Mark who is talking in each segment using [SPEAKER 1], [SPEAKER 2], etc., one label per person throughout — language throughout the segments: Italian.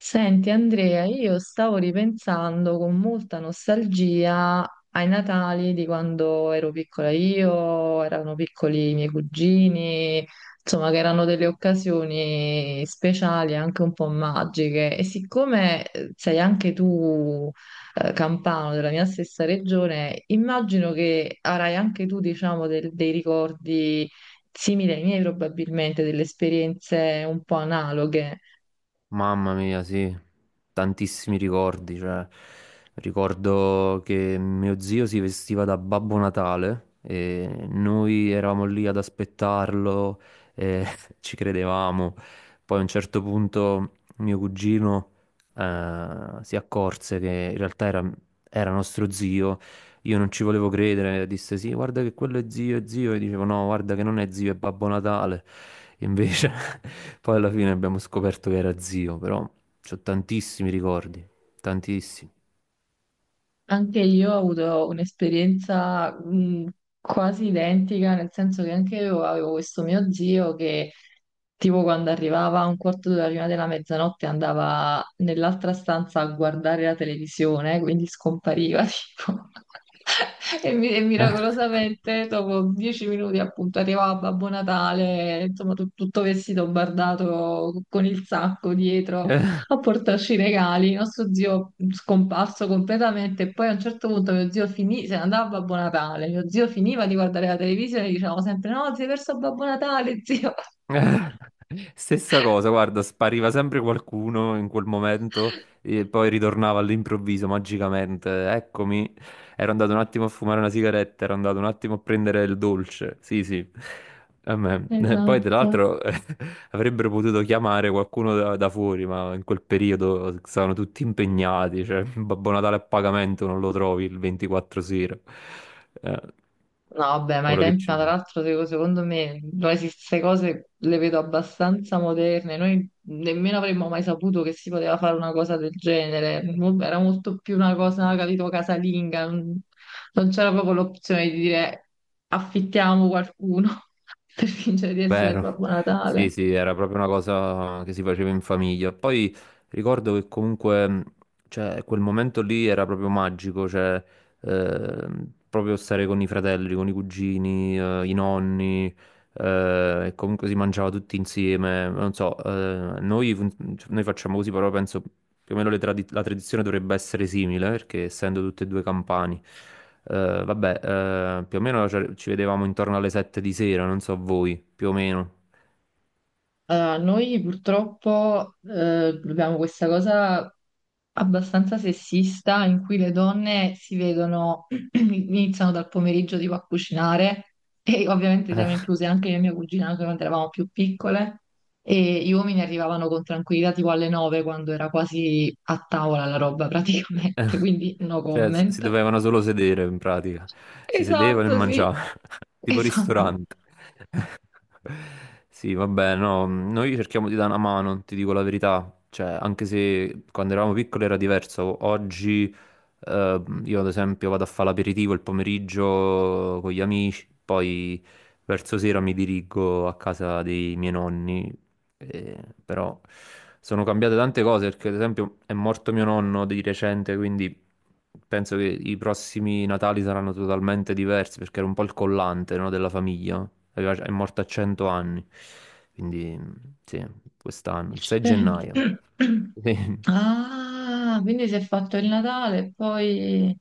[SPEAKER 1] Senti Andrea, io stavo ripensando con molta nostalgia ai Natali di quando ero piccola io, erano piccoli i miei cugini, insomma che erano delle occasioni speciali, anche un po' magiche. E siccome sei anche tu campano della mia stessa regione, immagino che avrai anche tu, diciamo, dei ricordi simili ai miei probabilmente, delle esperienze un po' analoghe.
[SPEAKER 2] Mamma mia, sì, tantissimi ricordi, cioè, ricordo che mio zio si vestiva da Babbo Natale e noi eravamo lì ad aspettarlo e ci credevamo. Poi a un certo punto mio cugino si accorse che in realtà era nostro zio. Io non ci volevo credere, disse sì, guarda che quello è zio, e dicevo no, guarda che non è zio, è Babbo Natale. Invece poi alla fine abbiamo scoperto che era zio, però ho tantissimi ricordi, tantissimi.
[SPEAKER 1] Anche io ho avuto un'esperienza quasi identica, nel senso che anche io avevo questo mio zio che tipo quando arrivava a un quarto d'ora prima della mezzanotte andava nell'altra stanza a guardare la televisione, quindi scompariva tipo. E,
[SPEAKER 2] Eh,
[SPEAKER 1] miracolosamente dopo 10 minuti appunto arrivava Babbo Natale, insomma tutto vestito bardato con il sacco dietro
[SPEAKER 2] eh.
[SPEAKER 1] a portarci i regali. Il nostro zio scomparso completamente e poi a un certo punto mio zio finì, se ne andava a Babbo Natale. Mio zio finiva di guardare la televisione e dicevamo sempre: no, si è perso Babbo Natale, zio.
[SPEAKER 2] Stessa cosa, guarda, spariva sempre qualcuno in quel momento e poi ritornava all'improvviso, magicamente. Eccomi, ero andato un attimo a fumare una sigaretta, ero andato un attimo a prendere il dolce. Sì, sì. A me. Poi, tra
[SPEAKER 1] Esatto.
[SPEAKER 2] l'altro, avrebbero potuto chiamare qualcuno da, da fuori, ma in quel periodo stavano tutti impegnati, cioè Babbo Natale a pagamento non lo trovi il 24 sera. Eh,
[SPEAKER 1] No, vabbè, ma i
[SPEAKER 2] ora che
[SPEAKER 1] tempi,
[SPEAKER 2] ci
[SPEAKER 1] ma tra
[SPEAKER 2] penso.
[SPEAKER 1] l'altro, secondo me, noi queste cose le vedo abbastanza moderne. Noi nemmeno avremmo mai saputo che si poteva fare una cosa del genere. Era molto più una cosa, capito, casalinga. Non c'era proprio l'opzione di dire affittiamo qualcuno per fingere di essere
[SPEAKER 2] Vero,
[SPEAKER 1] Babbo
[SPEAKER 2] sì,
[SPEAKER 1] Natale.
[SPEAKER 2] sì, era proprio una cosa che si faceva in famiglia. Poi ricordo che comunque, cioè, quel momento lì era proprio magico, cioè, proprio stare con i fratelli, con i cugini, i nonni, e comunque si mangiava tutti insieme. Non so, noi facciamo così, però penso più o meno la tradizione dovrebbe essere simile, perché essendo tutte e due campani. Eh, vabbè, più o meno ci vedevamo intorno alle 7 di sera, non so voi, più o meno.
[SPEAKER 1] Allora, noi purtroppo abbiamo questa cosa abbastanza sessista in cui le donne si vedono, iniziano dal pomeriggio tipo a cucinare e ovviamente siamo incluse anche io e mia cugina anche quando eravamo più piccole e gli uomini arrivavano con tranquillità tipo alle nove quando era quasi a tavola la roba praticamente, quindi no
[SPEAKER 2] Cioè, si
[SPEAKER 1] comment.
[SPEAKER 2] dovevano solo sedere in pratica. Si sedevano e
[SPEAKER 1] Esatto, sì,
[SPEAKER 2] mangiavano, tipo
[SPEAKER 1] esatto.
[SPEAKER 2] ristorante. Sì, vabbè, no, noi cerchiamo di dare una mano, ti dico la verità. Cioè, anche se quando eravamo piccoli era diverso, oggi io ad esempio vado a fare l'aperitivo il pomeriggio con gli amici, poi verso sera mi dirigo a casa dei miei nonni però sono cambiate tante cose perché, ad esempio, è morto mio nonno di recente, quindi penso che i prossimi Natali saranno totalmente diversi perché era un po' il collante, no, della famiglia. È morto a 100 anni, quindi sì, quest'anno, il 6 gennaio. Sì.
[SPEAKER 1] Ah, quindi si è fatto il Natale e poi...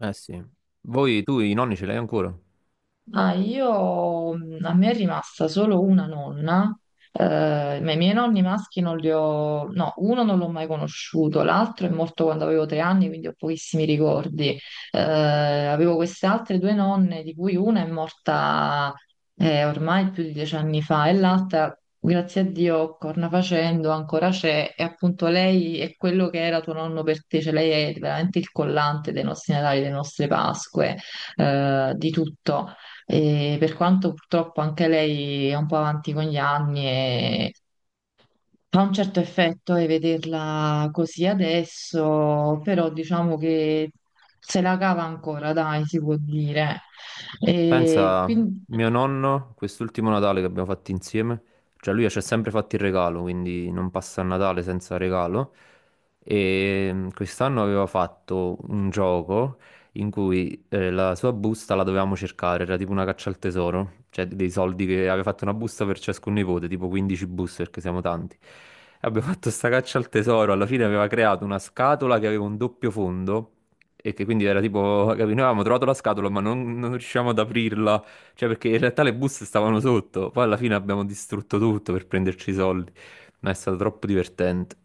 [SPEAKER 2] Eh sì. Voi, tu i nonni ce li hai ancora?
[SPEAKER 1] Ah, io, a me è rimasta solo una nonna, ma i miei nonni maschi non li ho, no, uno non l'ho mai conosciuto, l'altro è morto quando avevo 3 anni, quindi ho pochissimi ricordi. Avevo queste altre due nonne, di cui una è morta ormai più di 10 anni fa e l'altra, grazie a Dio, corna facendo, ancora c'è, e appunto lei è quello che era tuo nonno per te, cioè lei è veramente il collante dei nostri Natali, delle nostre Pasque di tutto. E per quanto purtroppo anche lei è un po' avanti con gli anni e fa un certo effetto e vederla così adesso, però diciamo che se la cava ancora, dai, si può dire. E
[SPEAKER 2] Pensa,
[SPEAKER 1] quindi,
[SPEAKER 2] mio nonno, quest'ultimo Natale che abbiamo fatto insieme, cioè lui ci ha sempre fatto il regalo, quindi non passa il Natale senza regalo. E quest'anno aveva fatto un gioco in cui la sua busta la dovevamo cercare, era tipo una caccia al tesoro, cioè dei soldi che aveva fatto una busta per ciascun nipote, tipo 15 buste perché siamo tanti. E abbiamo fatto sta caccia al tesoro, alla fine aveva creato una scatola che aveva un doppio fondo. E che quindi era tipo, capi, noi avevamo trovato la scatola ma non riuscivamo ad aprirla, cioè perché in realtà le buste stavano sotto, poi alla fine abbiamo distrutto tutto per prenderci i soldi, ma è stato troppo divertente.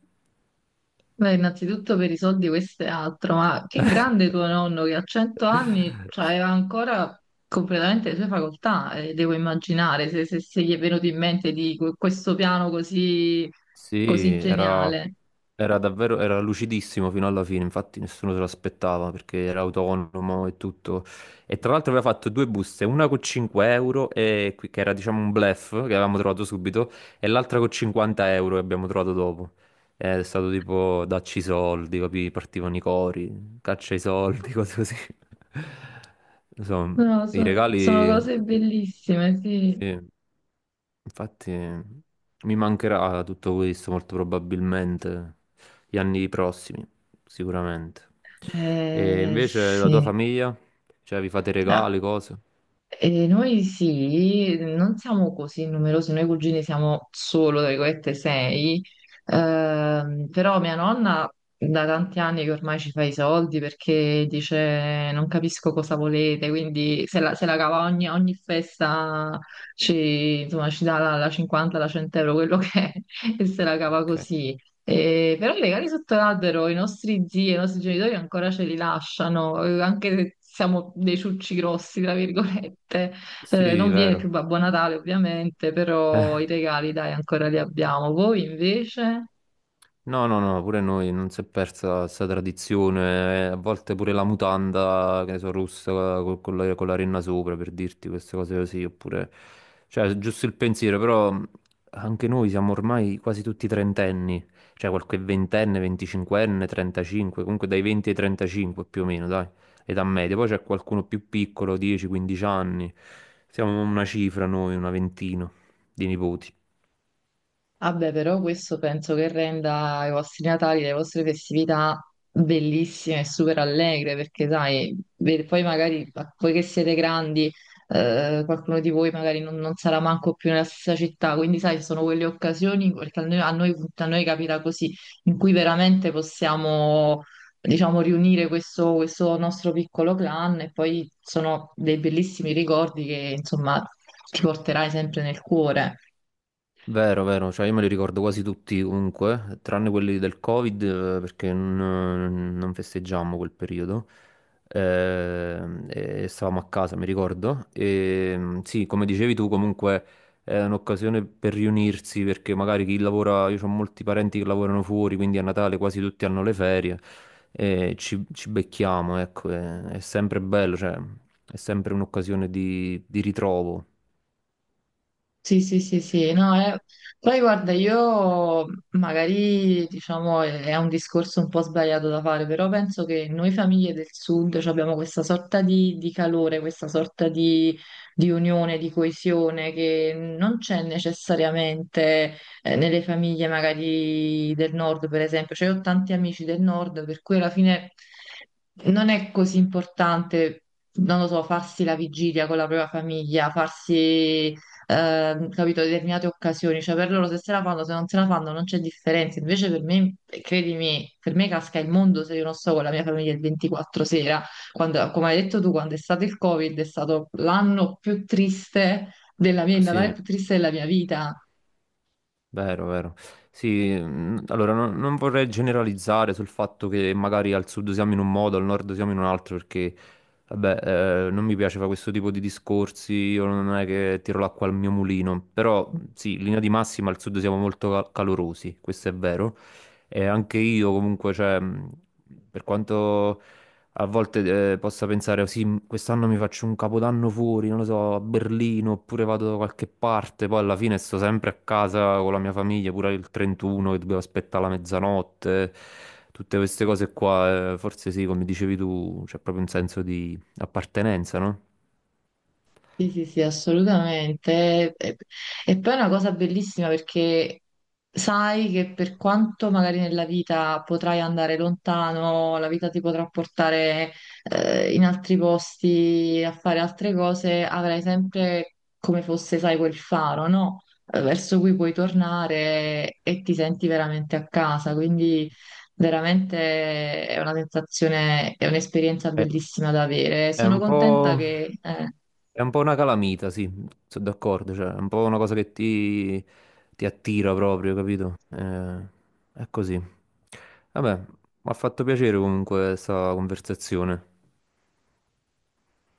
[SPEAKER 1] beh, innanzitutto per i soldi questo è altro, ma che grande tuo nonno che a 100 anni cioè, aveva ancora completamente le sue facoltà, devo immaginare, se gli è venuto in mente di questo piano così
[SPEAKER 2] Sì,
[SPEAKER 1] così
[SPEAKER 2] era,
[SPEAKER 1] geniale.
[SPEAKER 2] era davvero, era lucidissimo fino alla fine, infatti nessuno se l'aspettava perché era autonomo e tutto. E tra l'altro aveva fatto due buste, una con 5 euro, e che era diciamo un bluff che avevamo trovato subito, e l'altra con 50 euro che abbiamo trovato dopo. È stato tipo dacci i soldi, capì? Partivano i cori, caccia i soldi, cose così. Insomma,
[SPEAKER 1] Non lo
[SPEAKER 2] i
[SPEAKER 1] so, sono
[SPEAKER 2] regali...
[SPEAKER 1] cose bellissime, sì.
[SPEAKER 2] sì. Infatti mi mancherà tutto questo molto probabilmente gli anni prossimi, sicuramente. E invece la tua
[SPEAKER 1] Sì.
[SPEAKER 2] famiglia? Cioè vi fate
[SPEAKER 1] Ah,
[SPEAKER 2] regali, cose?
[SPEAKER 1] e noi sì, non siamo così numerosi, noi cugini siamo solo, tra virgolette, sei, però mia nonna da tanti anni che ormai ci fa i soldi perché dice non capisco cosa volete, quindi se la, se la cava ogni, ogni festa ci, insomma, ci dà la 50, la 100 euro, quello che è, e se la cava
[SPEAKER 2] Ok.
[SPEAKER 1] così. E però legati sotto l'albero i nostri zii e i nostri genitori ancora ce li lasciano, anche se siamo dei ciucci grossi, tra virgolette.
[SPEAKER 2] Sì,
[SPEAKER 1] Non viene più
[SPEAKER 2] vero.
[SPEAKER 1] Babbo Natale, ovviamente, però i regali, dai, ancora li abbiamo. Voi invece?
[SPEAKER 2] No, no, no, pure noi non si è persa questa tradizione, a volte pure la mutanda, che ne so, rossa co- con la renna sopra, per dirti queste cose così, oppure, cioè, giusto il pensiero, però anche noi siamo ormai quasi tutti trentenni, cioè qualche ventenne, venticinquenne, 35, comunque dai 20 ai 35 più o meno, dai, età media, poi c'è qualcuno più piccolo, 10-15 anni, siamo una cifra noi, una ventina di nipoti.
[SPEAKER 1] Vabbè, però questo penso che renda i vostri Natali, le vostre festività bellissime e super allegre, perché sai, poi magari, poi che siete grandi, qualcuno di voi magari non, non sarà manco più nella stessa città, quindi sai, sono quelle occasioni, perché a noi, a noi capita così, in cui veramente possiamo, diciamo, riunire questo, questo nostro piccolo clan e poi sono dei bellissimi ricordi che, insomma, ti porterai sempre nel cuore.
[SPEAKER 2] Vero, vero, cioè io me li ricordo quasi tutti comunque, tranne quelli del Covid perché non festeggiammo quel periodo. E stavamo a casa, mi ricordo. E sì, come dicevi tu, comunque è un'occasione per riunirsi perché magari chi lavora, io ho molti parenti che lavorano fuori, quindi a Natale quasi tutti hanno le ferie e ci becchiamo, ecco, è sempre bello, cioè è sempre un'occasione di ritrovo.
[SPEAKER 1] Sì, sì, sì, sì, no, poi guarda, io magari diciamo è un discorso un po' sbagliato da fare, però penso che noi famiglie del sud cioè, abbiamo questa sorta di calore, questa sorta di unione, di coesione che non c'è necessariamente nelle famiglie magari del nord, per esempio. Cioè, io ho tanti amici del nord, per cui alla fine non è così importante non lo so, farsi la vigilia con la propria famiglia, farsi capito, determinate occasioni, cioè per loro se se la fanno, se non se la fanno non c'è differenza, invece per me, credimi, per me casca il mondo se io non sto con la mia famiglia il 24 sera, quando, come hai detto tu, quando è stato il Covid è stato l'anno più triste della mia, il Natale
[SPEAKER 2] Sì.
[SPEAKER 1] più triste della mia vita.
[SPEAKER 2] Vero, vero. Sì, allora non vorrei generalizzare sul fatto che magari al sud siamo in un modo, al nord siamo in un altro, perché vabbè, non mi piace fare questo tipo di discorsi, io non è che tiro l'acqua al mio mulino, però sì, in linea di massima al sud siamo molto calorosi, questo è vero. E anche io comunque, cioè, per quanto a volte possa pensare, "Oh, sì, quest'anno mi faccio un capodanno fuori, non lo so, a Berlino, oppure vado da qualche parte, poi alla fine sto sempre a casa con la mia famiglia, pure il 31 che dovevo aspettare la mezzanotte, tutte queste cose qua, forse sì, come dicevi tu, c'è proprio un senso di appartenenza, no?
[SPEAKER 1] Sì, sì, sì, assolutamente. E poi è una cosa bellissima perché sai che per quanto magari nella vita potrai andare lontano, la vita ti potrà portare in altri posti a fare altre cose, avrai sempre come fosse, sai, quel faro, no? Verso cui puoi tornare e ti senti veramente a casa. Quindi veramente è una sensazione, è un'esperienza
[SPEAKER 2] È,
[SPEAKER 1] bellissima da avere.
[SPEAKER 2] è
[SPEAKER 1] Sono
[SPEAKER 2] un
[SPEAKER 1] contenta
[SPEAKER 2] po'...
[SPEAKER 1] che...
[SPEAKER 2] È un po' una calamita, sì, sono d'accordo, cioè, è un po' una cosa che ti attira proprio, capito? È così. Vabbè, mi ha fatto piacere comunque questa conversazione.